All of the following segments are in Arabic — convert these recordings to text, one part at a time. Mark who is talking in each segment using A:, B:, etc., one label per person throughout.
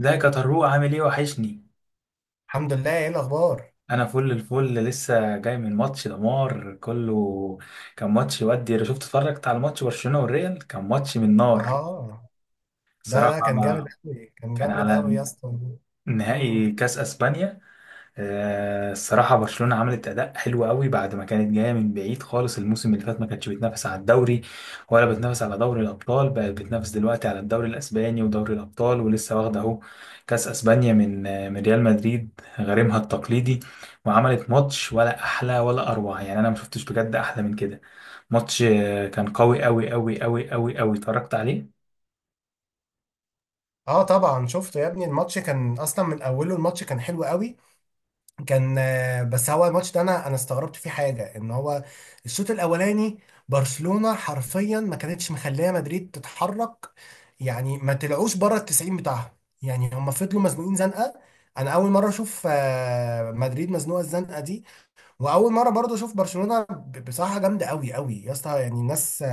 A: ازيك يا طروق، عامل ايه؟ وحشني.
B: الحمد لله، ايه الاخبار؟
A: انا فل الفل، لسه جاي من ماتش دمار كله. كان ماتش، ودي اتفرجت على ماتش برشلونة والريال، كان ماتش من نار
B: اه. ده
A: صراحة.
B: كان جامد قوي، كان
A: كان
B: جامد
A: على
B: قوي يا اسطى. مم.
A: نهائي كاس اسبانيا. الصراحة برشلونة عملت أداء حلو قوي، بعد ما كانت جاية من بعيد خالص. الموسم اللي فات ما كانتش بتنافس على الدوري ولا بتنافس على دوري الأبطال، بقت بتنافس دلوقتي على الدوري الأسباني ودوري الأبطال، ولسه واخدة أهو كأس أسبانيا من من ريال مدريد غريمها التقليدي. وعملت ماتش ولا أحلى ولا أروع، يعني أنا ما شفتش بجد أحلى من كده. ماتش كان قوي قوي قوي قوي قوي قوي، اتفرجت عليه.
B: اه، طبعا شفته يا ابني، الماتش كان اصلا من اوله، الماتش كان حلو قوي. كان آه، بس هو الماتش ده انا استغربت فيه حاجه ان هو الشوط الاولاني برشلونه حرفيا ما كانتش مخليه مدريد تتحرك، يعني ما طلعوش بره ال 90 بتاعهم، يعني هم فضلوا مزنوقين زنقه. انا اول مره اشوف مدريد مزنوقه الزنقه دي، واول مره برضو اشوف برشلونه بصراحه جامده قوي قوي يا اسطى، يعني الناس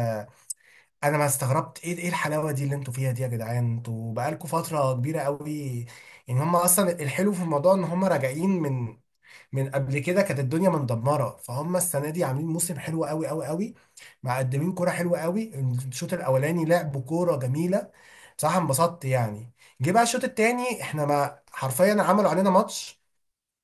B: انا ما استغربت ايه الحلاوه دي اللي انتوا فيها دي يا جدعان، انتوا بقالكوا فتره كبيره قوي. يعني هم اصلا الحلو في الموضوع ان هم راجعين من قبل كده، كانت الدنيا مندمره، فهم السنه دي عاملين موسم حلو قوي قوي قوي، مقدمين كوره حلوه قوي. الشوط الاولاني لعبوا كوره جميله، بصراحه انبسطت يعني. جه بقى الشوط التاني، احنا ما حرفيا عملوا علينا ماتش،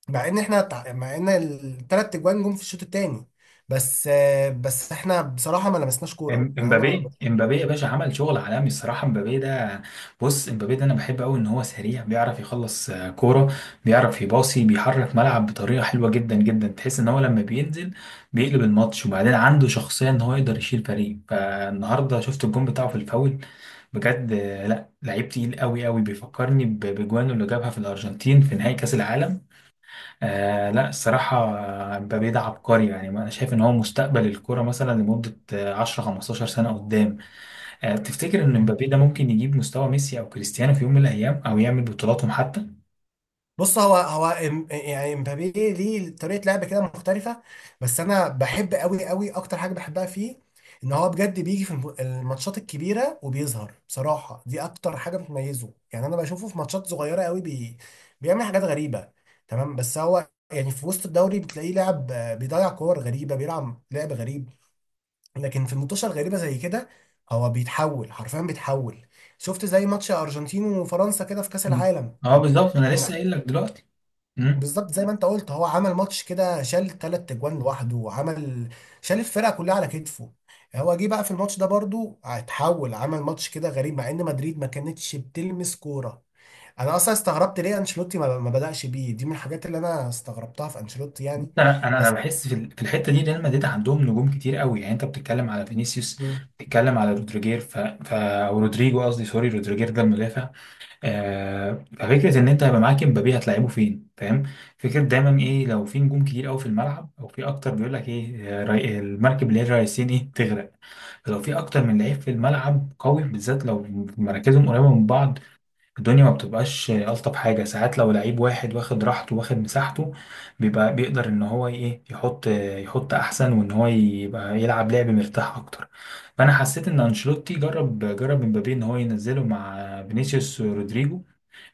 B: مع ان الثلاث اجوان جم في الشوط الثاني. بس احنا بصراحه ما لمسناش
A: إم-
B: كوره، يعني انا.
A: امبابي يا باشا عمل شغل عالمي الصراحه. امبابي ده، بص امبابي ده انا بحب قوي ان هو سريع، بيعرف يخلص كوره، بيعرف يباصي، بيحرك ملعب بطريقه حلوه جدا جدا. تحس ان هو لما بينزل بيقلب الماتش. وبعدين عنده شخصيه، ان هو يقدر يشيل فريق. فالنهارده شفت الجون بتاعه في الفاول، بجد لا، لعيب تقيل قوي قوي. بيفكرني بجوانه اللي جابها في الارجنتين في نهائي كاس العالم. لا الصراحة. مبابي ده عبقري، يعني أنا شايف إن هو مستقبل الكرة، مثلا لمدة 10 15 سنة قدام. بتفتكر إن مبابي ده ممكن يجيب مستوى ميسي أو كريستيانو في يوم من الأيام، أو يعمل بطولاتهم حتى؟
B: بص، هو يعني امبابي ليه طريقه لعب كده مختلفه. بس انا بحب قوي قوي، اكتر حاجه بحبها فيه ان هو بجد بيجي في الماتشات الكبيره وبيظهر، بصراحه دي اكتر حاجه بتميزه، يعني انا بشوفه في ماتشات صغيره قوي بيعمل حاجات غريبه. تمام، بس هو يعني في وسط الدوري بتلاقيه لاعب بيضيع كور غريبه، بيلعب لعب غريب. لكن في المنتوشه الغريبه زي كده هو بيتحول، حرفيا بيتحول. شفت زي ماتش ارجنتين وفرنسا كده في كاس
A: مم.
B: العالم.
A: أه
B: كان
A: بالظبط، أنا
B: كان
A: لسه قايل لك دلوقتي. مم.
B: بالظبط زي ما انت قلت، هو عمل ماتش كده، شال ثلاث اجوان لوحده وعمل، شال الفرقه كلها على كتفه. هو جه بقى في الماتش ده برضو اتحول، عمل ماتش كده غريب مع ان مدريد ما كانتش بتلمس كوره. انا اصلا استغربت ليه انشيلوتي ما بدأش بيه، دي من الحاجات اللي انا استغربتها في انشيلوتي
A: بص،
B: يعني.
A: أنا
B: بس.
A: بحس في في الحتة دي ريال مدريد عندهم نجوم كتير قوي. يعني أنت بتتكلم على فينيسيوس،
B: مم.
A: بتتكلم على رودريجير، أو رودريجو قصدي، سوري، رودريجير ده المدافع. ففكرة إن أنت هيبقى معاك إمبابي، هتلعبه فين؟ فاهم؟ فكرة دايما إيه؟ لو في نجوم كتير أوي في الملعب أو في أكتر، بيقول لك إيه، المركب اللي هي الرئيسين إيه؟ تغرق. فلو في أكتر من لعيب في الملعب قوي، بالذات لو مراكزهم قريبة من بعض، الدنيا ما بتبقاش ألطف حاجة. ساعات لو لعيب واحد واخد راحته، واخد مساحته، بيبقى بيقدر إن هو إيه، يحط يحط أحسن، وإن هو يبقى يلعب لعب مرتاح أكتر. فأنا حسيت إن أنشيلوتي جرب إمبابي إن هو ينزله مع فينيسيوس، رودريجو.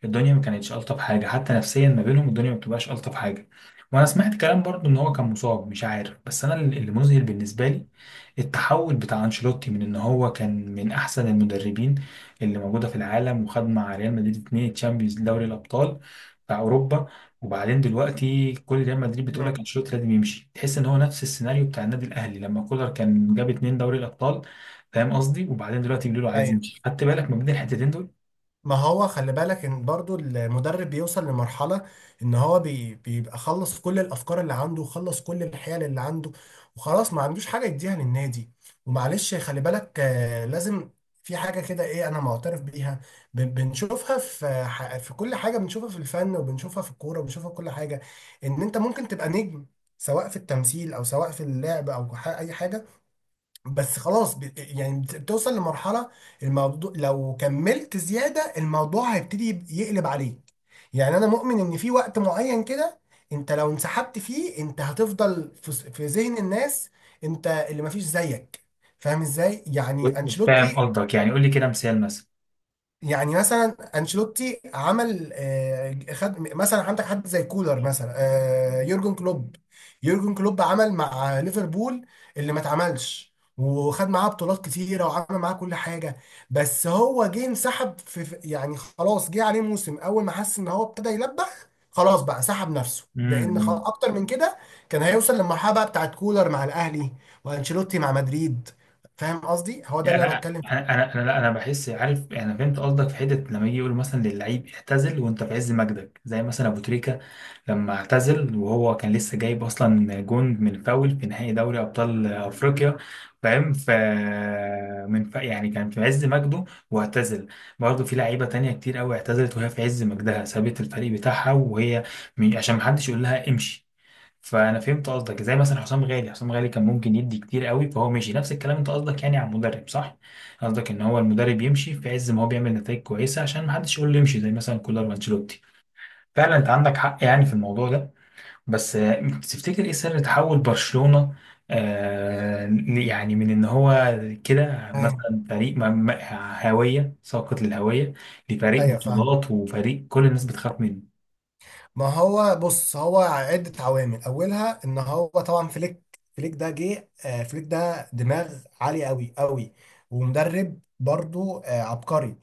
A: الدنيا ما كانتش الطف حاجه، حتى نفسيا ما بينهم الدنيا ما بتبقاش الطف حاجه. وانا سمعت كلام برضو ان هو كان مصاب، مش عارف. بس انا اللي مذهل بالنسبه لي التحول بتاع انشيلوتي، من ان هو كان من احسن المدربين اللي موجوده في العالم، وخد مع ريال مدريد اتنين تشامبيونز دوري الابطال بتاع اوروبا. وبعدين دلوقتي كل ريال مدريد بتقول
B: مم.
A: لك انشيلوتي لازم يمشي. تحس ان هو نفس السيناريو بتاع النادي الاهلي لما كولر كان جاب اتنين دوري الابطال، فاهم قصدي؟ وبعدين دلوقتي بيقولوا له عايز يمشي. خدت بالك ما بين الحتتين دول؟
B: ما هو خلي بالك ان برضو المدرب بيوصل لمرحلة ان هو بيبقى خلص كل الافكار اللي عنده وخلص كل الحيل اللي عنده، وخلاص ما عندوش حاجة يديها للنادي. ومعلش خلي بالك، لازم في حاجة كده، ايه، انا معترف بيها. بنشوفها في في كل حاجة، بنشوفها في الفن وبنشوفها في الكورة وبنشوفها في كل حاجة، ان انت ممكن تبقى نجم سواء في التمثيل او سواء في اللعب او اي حاجة. بس خلاص يعني بتوصل لمرحلة الموضوع لو كملت زيادة، الموضوع هيبتدي يقلب عليك. يعني أنا مؤمن إن في وقت معين كده أنت لو انسحبت فيه، أنت هتفضل في في ذهن الناس، أنت اللي مفيش زيك. فاهم إزاي؟ يعني
A: فاهم
B: أنشيلوتي.
A: قصدك. يعني قول لي كده مثال، مثلا.
B: يعني مثلا انشيلوتي عمل آه، خد مثلا عندك حد زي كولر مثلا، يورجن كلوب. يورجن كلوب عمل مع ليفربول اللي ما اتعملش، وخد معاه بطولات كتيره، وعمل معاه كل حاجه. بس هو جه انسحب يعني خلاص جه عليه موسم اول ما حس ان هو ابتدى يلبخ، خلاص بقى سحب نفسه لان خلاص
A: امم.
B: اكتر من كده كان هيوصل للمرحله بقى بتاعت كولر مع الاهلي، وانشيلوتي مع مدريد. فاهم قصدي؟ هو ده
A: يعني
B: اللي انا
A: انا
B: بتكلم
A: انا
B: فيه.
A: انا انا لا انا بحس، عارف، انا فهمت قصدك في حته. لما يجي يقولوا مثلا للعيب اعتزل وانت في عز مجدك، زي مثلا ابو تريكه لما اعتزل وهو كان لسه جايب اصلا جون من فاول في نهائي دوري ابطال افريقيا. فاهم؟ يعني كان في عز مجده واعتزل. برضه في لعيبه تانية كتير قوي اعتزلت وهي في عز مجدها، سابت الفريق بتاعها وهي عشان محدش يقول لها امشي. فانا فهمت قصدك. زي مثلا حسام غالي، حسام غالي كان ممكن يدي كتير قوي فهو ماشي، نفس الكلام. انت قصدك يعني على المدرب، صح؟ قصدك ان هو المدرب يمشي في عز ما هو بيعمل نتائج كويسه، عشان ما حدش يقول له يمشي، زي مثلا كولر وانشيلوتي. فعلا انت عندك حق يعني في الموضوع ده. بس تفتكر ايه سر تحول برشلونه؟ يعني من ان هو كده
B: ايوه.
A: مثلا فريق هاويه، ساقط للهويه، لفريق
B: أيوة، فاهم.
A: بطولات وفريق كل الناس بتخاف منه.
B: ما هو بص، هو عدة عوامل، أولها إن هو طبعا فليك. فليك ده جه آه، فليك ده دماغ عالية أوي أوي، ومدرب برضو عبقري.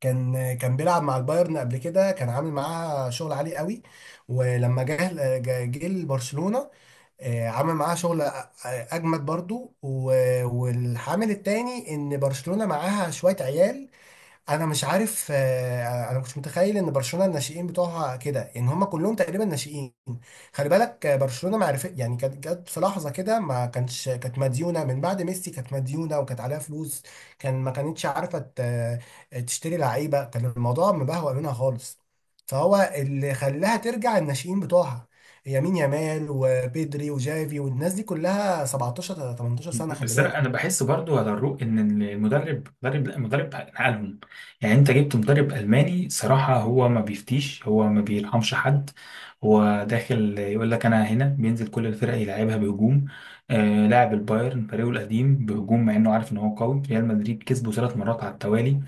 B: كان بيلعب مع البايرن قبل كده، كان عامل معاه شغل عالي أوي. ولما جه، جه لبرشلونة، عمل معاه شغل أجمد برضو. والعامل التاني إن برشلونة معاها شوية عيال. انا مش عارف، انا ما كنتش متخيل ان برشلونه الناشئين بتوعها كده، ان هم كلهم تقريبا ناشئين. خلي بالك، برشلونه معرفة يعني كانت جت في لحظه كده، ما كانش كانت مديونه من بعد ميسي، كانت مديونه وكانت عليها فلوس. كان ما كانتش عارفه تشتري لعيبه، كان الموضوع مبهوأ منها خالص. فهو اللي خلاها ترجع الناشئين بتوعها، يمين يامال وبيدري وجافي والناس دي كلها 17 18 سنه، خلي
A: بس انا
B: بالك.
A: بحس برضو على الرو ان المدرب، لا، مدرب نقلهم. يعني انت جبت مدرب الماني صراحه هو ما بيفتيش، هو ما بيرحمش حد. هو داخل يقول لك انا هنا، بينزل كل الفرق يلعبها بهجوم. آه، لاعب البايرن فريقه القديم بهجوم، مع انه عارف ان هو قوي. ريال مدريد كسبه ثلاث مرات على التوالي.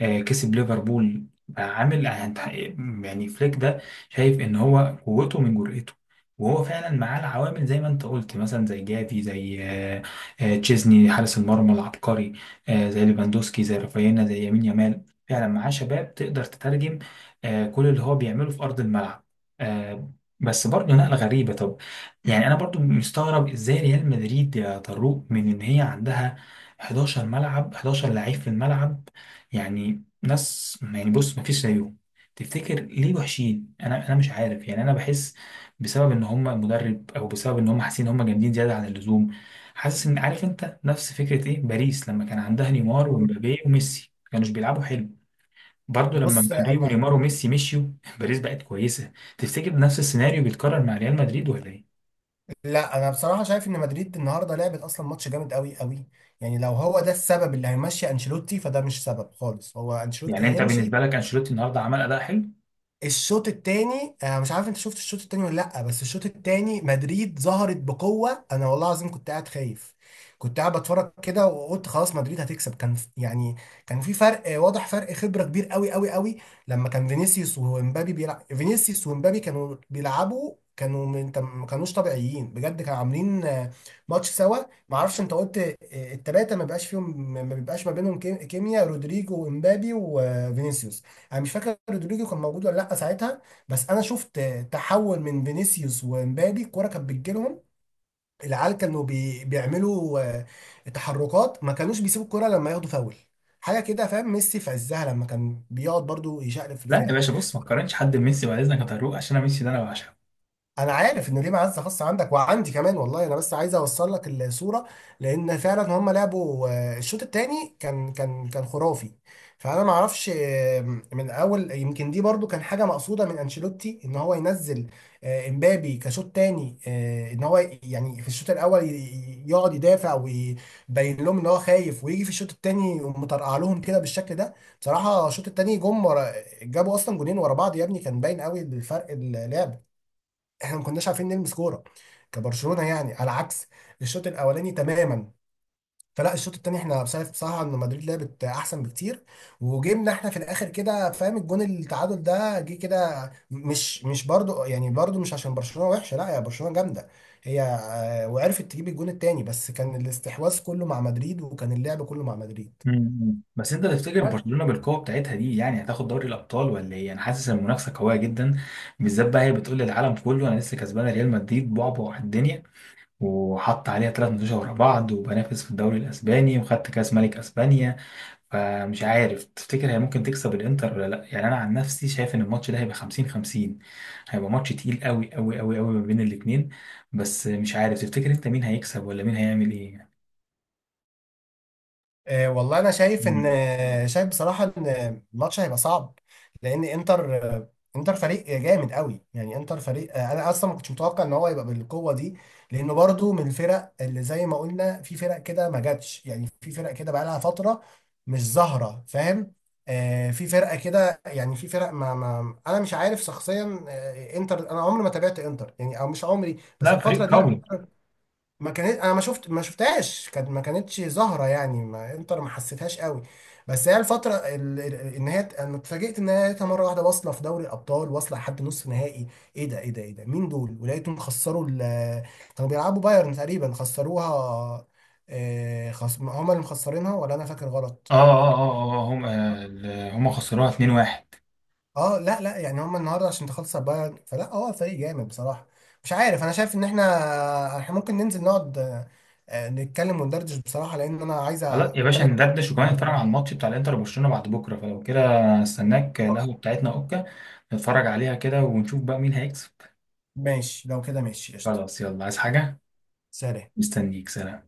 A: كسب ليفربول بقى، عامل. يعني فليك ده، شايف ان هو قوته من جرأته. وهو فعلا معاه العوامل زي ما انت قلت، مثلا زي جافي، زي تشيزني حارس المرمى العبقري، زي ليفاندوسكي، زي رافينا، زي يمين يامال. فعلا معاه شباب تقدر تترجم كل اللي هو بيعمله في ارض الملعب. آه، بس برضه نقلة غريبة. طب يعني انا برضه مستغرب، ازاي ريال مدريد يا طروق من ان هي عندها 11 ملعب، 11 لعيب في الملعب، يعني ناس، يعني بص مفيش زيهم، تفتكر ليه وحشين؟ انا مش عارف يعني. انا بحس بسبب ان هم المدرب، او بسبب ان هم حاسين ان هم جامدين زياده عن اللزوم. حاسس، ان، عارف انت نفس فكره ايه باريس لما كان عندها نيمار
B: مم.
A: ومبابي وميسي، ما كانوش بيلعبوا حلو. برضه لما
B: بص
A: مبابي
B: انا
A: ونيمار وميسي مشيوا باريس بقت كويسه. تفتكر نفس السيناريو بيتكرر مع ريال مدريد ولا ايه؟
B: لا، انا بصراحه شايف ان مدريد النهارده لعبت اصلا ماتش جامد قوي قوي، يعني لو هو ده السبب اللي هيمشي انشيلوتي، فده مش سبب خالص هو انشيلوتي
A: يعني انت
B: هيمشي.
A: بالنسبه لك انشيلوتي النهارده عمل اداء حلو؟
B: الشوط التاني آه، مش عارف انت شفت الشوط التاني ولا لا، بس الشوط التاني مدريد ظهرت بقوة. انا والله العظيم كنت قاعد خايف، كنت قاعد بتفرج كده وقلت خلاص مدريد هتكسب. كان ف- يعني كان في فرق، واضح فرق خبرة كبير قوي قوي قوي. لما كان فينيسيوس ومبابي بيلعب، فينيسيوس ومبابي كانوا بيلعبوا كانوا ما كانوش طبيعيين بجد، كانوا عاملين ماتش سوا. ما اعرفش انت قلت التلاتة ما بيبقاش فيهم، ما بينهم كيميا رودريجو ومبابي وفينيسيوس. انا مش فاكر رودريجو كان موجود ولا لا ساعتها، بس انا شفت تحول. من فينيسيوس ومبابي الكوره كانت بتجيلهم، العيال كانوا بيعملوا تحركات، ما كانوش بيسيبوا الكوره لما ياخدوا فاول حاجه كده فاهم. ميسي في عزها لما كان بيقعد برضو يشقلب في
A: لا يا
B: الفرقه.
A: باشا، بص ما تقارنش حد بميسي بعد اذنك يا طارق، عشان انا ميسي ده انا بعشقه.
B: انا عارف ان ليه معزه خاصه عندك وعندي كمان، والله انا بس عايز اوصل لك الصوره. لان فعلا هم لعبوا، الشوط الثاني كان خرافي. فانا ما اعرفش، من اول يمكن دي برضو كان حاجه مقصوده من انشيلوتي ان هو ينزل امبابي كشوط ثاني، ان هو يعني في الشوط الاول يقعد يدافع ويبين لهم ان هو خايف ويجي في الشوط الثاني يقوم مطرقع لهم كده بالشكل ده. بصراحه الشوط الثاني جم ورا، جابوا اصلا جونين ورا بعض يا ابني، كان باين قوي الفرق اللعب. احنا ما كناش عارفين نلمس كوره كبرشلونه، يعني على عكس الشوط الاولاني تماما. فلا، الشوط التاني احنا شايف بصراحه ان مدريد لعبت احسن بكتير وجيمنا احنا في الاخر كده فاهم. الجون التعادل ده جه كده، مش برضو، يعني برضو مش عشان برشلونه وحشه، لا، يا برشلونه جامده. هي، وعرفت تجيب الجون التاني بس كان الاستحواذ كله مع مدريد وكان اللعب كله مع مدريد.
A: مم. بس انت تفتكر برشلونه بالقوه بتاعتها دي يعني هتاخد دوري الابطال ولا ايه؟ انا حاسس ان المنافسه قويه جدا، بالذات بقى هي بتقول للعالم كله انا لسه كسبانه ريال مدريد بعبع الدنيا، وحط عليها ثلاث ماتشات ورا بعض، وبنافس في الدوري الاسباني، وخدت كاس ملك اسبانيا. فمش عارف، تفتكر هي ممكن تكسب الانتر ولا لا؟ يعني انا عن نفسي شايف ان الماتش ده هيبقى 50 50، هيبقى ماتش تقيل قوي قوي قوي قوي ما بين الاثنين. بس مش عارف تفتكر انت مين هيكسب ولا مين هيعمل ايه؟
B: والله انا
A: مم.
B: شايف بصراحه ان الماتش هيبقى صعب. لان انتر، فريق جامد قوي، يعني انتر فريق آه، انا اصلا ما كنتش متوقع ان هو يبقى بالقوه دي، لانه برضو من الفرق اللي زي ما قلنا، في فرق كده ما جاتش، يعني في فرق كده بقى لها فتره مش ظاهره فاهم. في فرقه كده يعني، في فرق ما انا مش عارف شخصيا. انتر انا عمري ما تابعت انتر، يعني او مش عمري بس
A: لا فريق
B: الفتره دي،
A: قوي.
B: ما كانت انا ما شفتهاش، ما كانتش ظاهره يعني، ما انتر ما حسيتهاش قوي. بس هي الفتره ال- ال- ان هي انا اتفاجئت ان هي لقيتها مره واحده واصله في دوري الابطال واصله لحد نص نهائي. ايه ده، ايه ده، ايه ده، مين دول؟ ولقيتهم خسروا كانوا بيلعبوا بايرن تقريبا خسروها. هما اللي مخسرينها ولا انا فاكر
A: اه،
B: غلط؟
A: اه، اه، اه، اه، اه، هم هم خسروها 2-1.
B: اه، لا لا، يعني هم النهارده عشان تخلص على بايرن، فلا هو فريق جامد بصراحه. مش عارف، انا شايف ان احنا ممكن ننزل نقعد، نتكلم وندردش بصراحه لان انا عايز
A: خلاص يا باشا
B: اتكلم
A: ندردش،
B: في
A: وكمان
B: الموضوع
A: نتفرج
B: ده.
A: على الماتش بتاع الانتر وبرشلونه بعد بكره. فلو كده استناك، القهوه بتاعتنا، اوكا؟ نتفرج عليها كده ونشوف بقى مين هيكسب.
B: ماشي لو كده، ماشي قشطه.
A: خلاص، يلا، عايز حاجه؟
B: سلام.
A: مستنيك، سلام.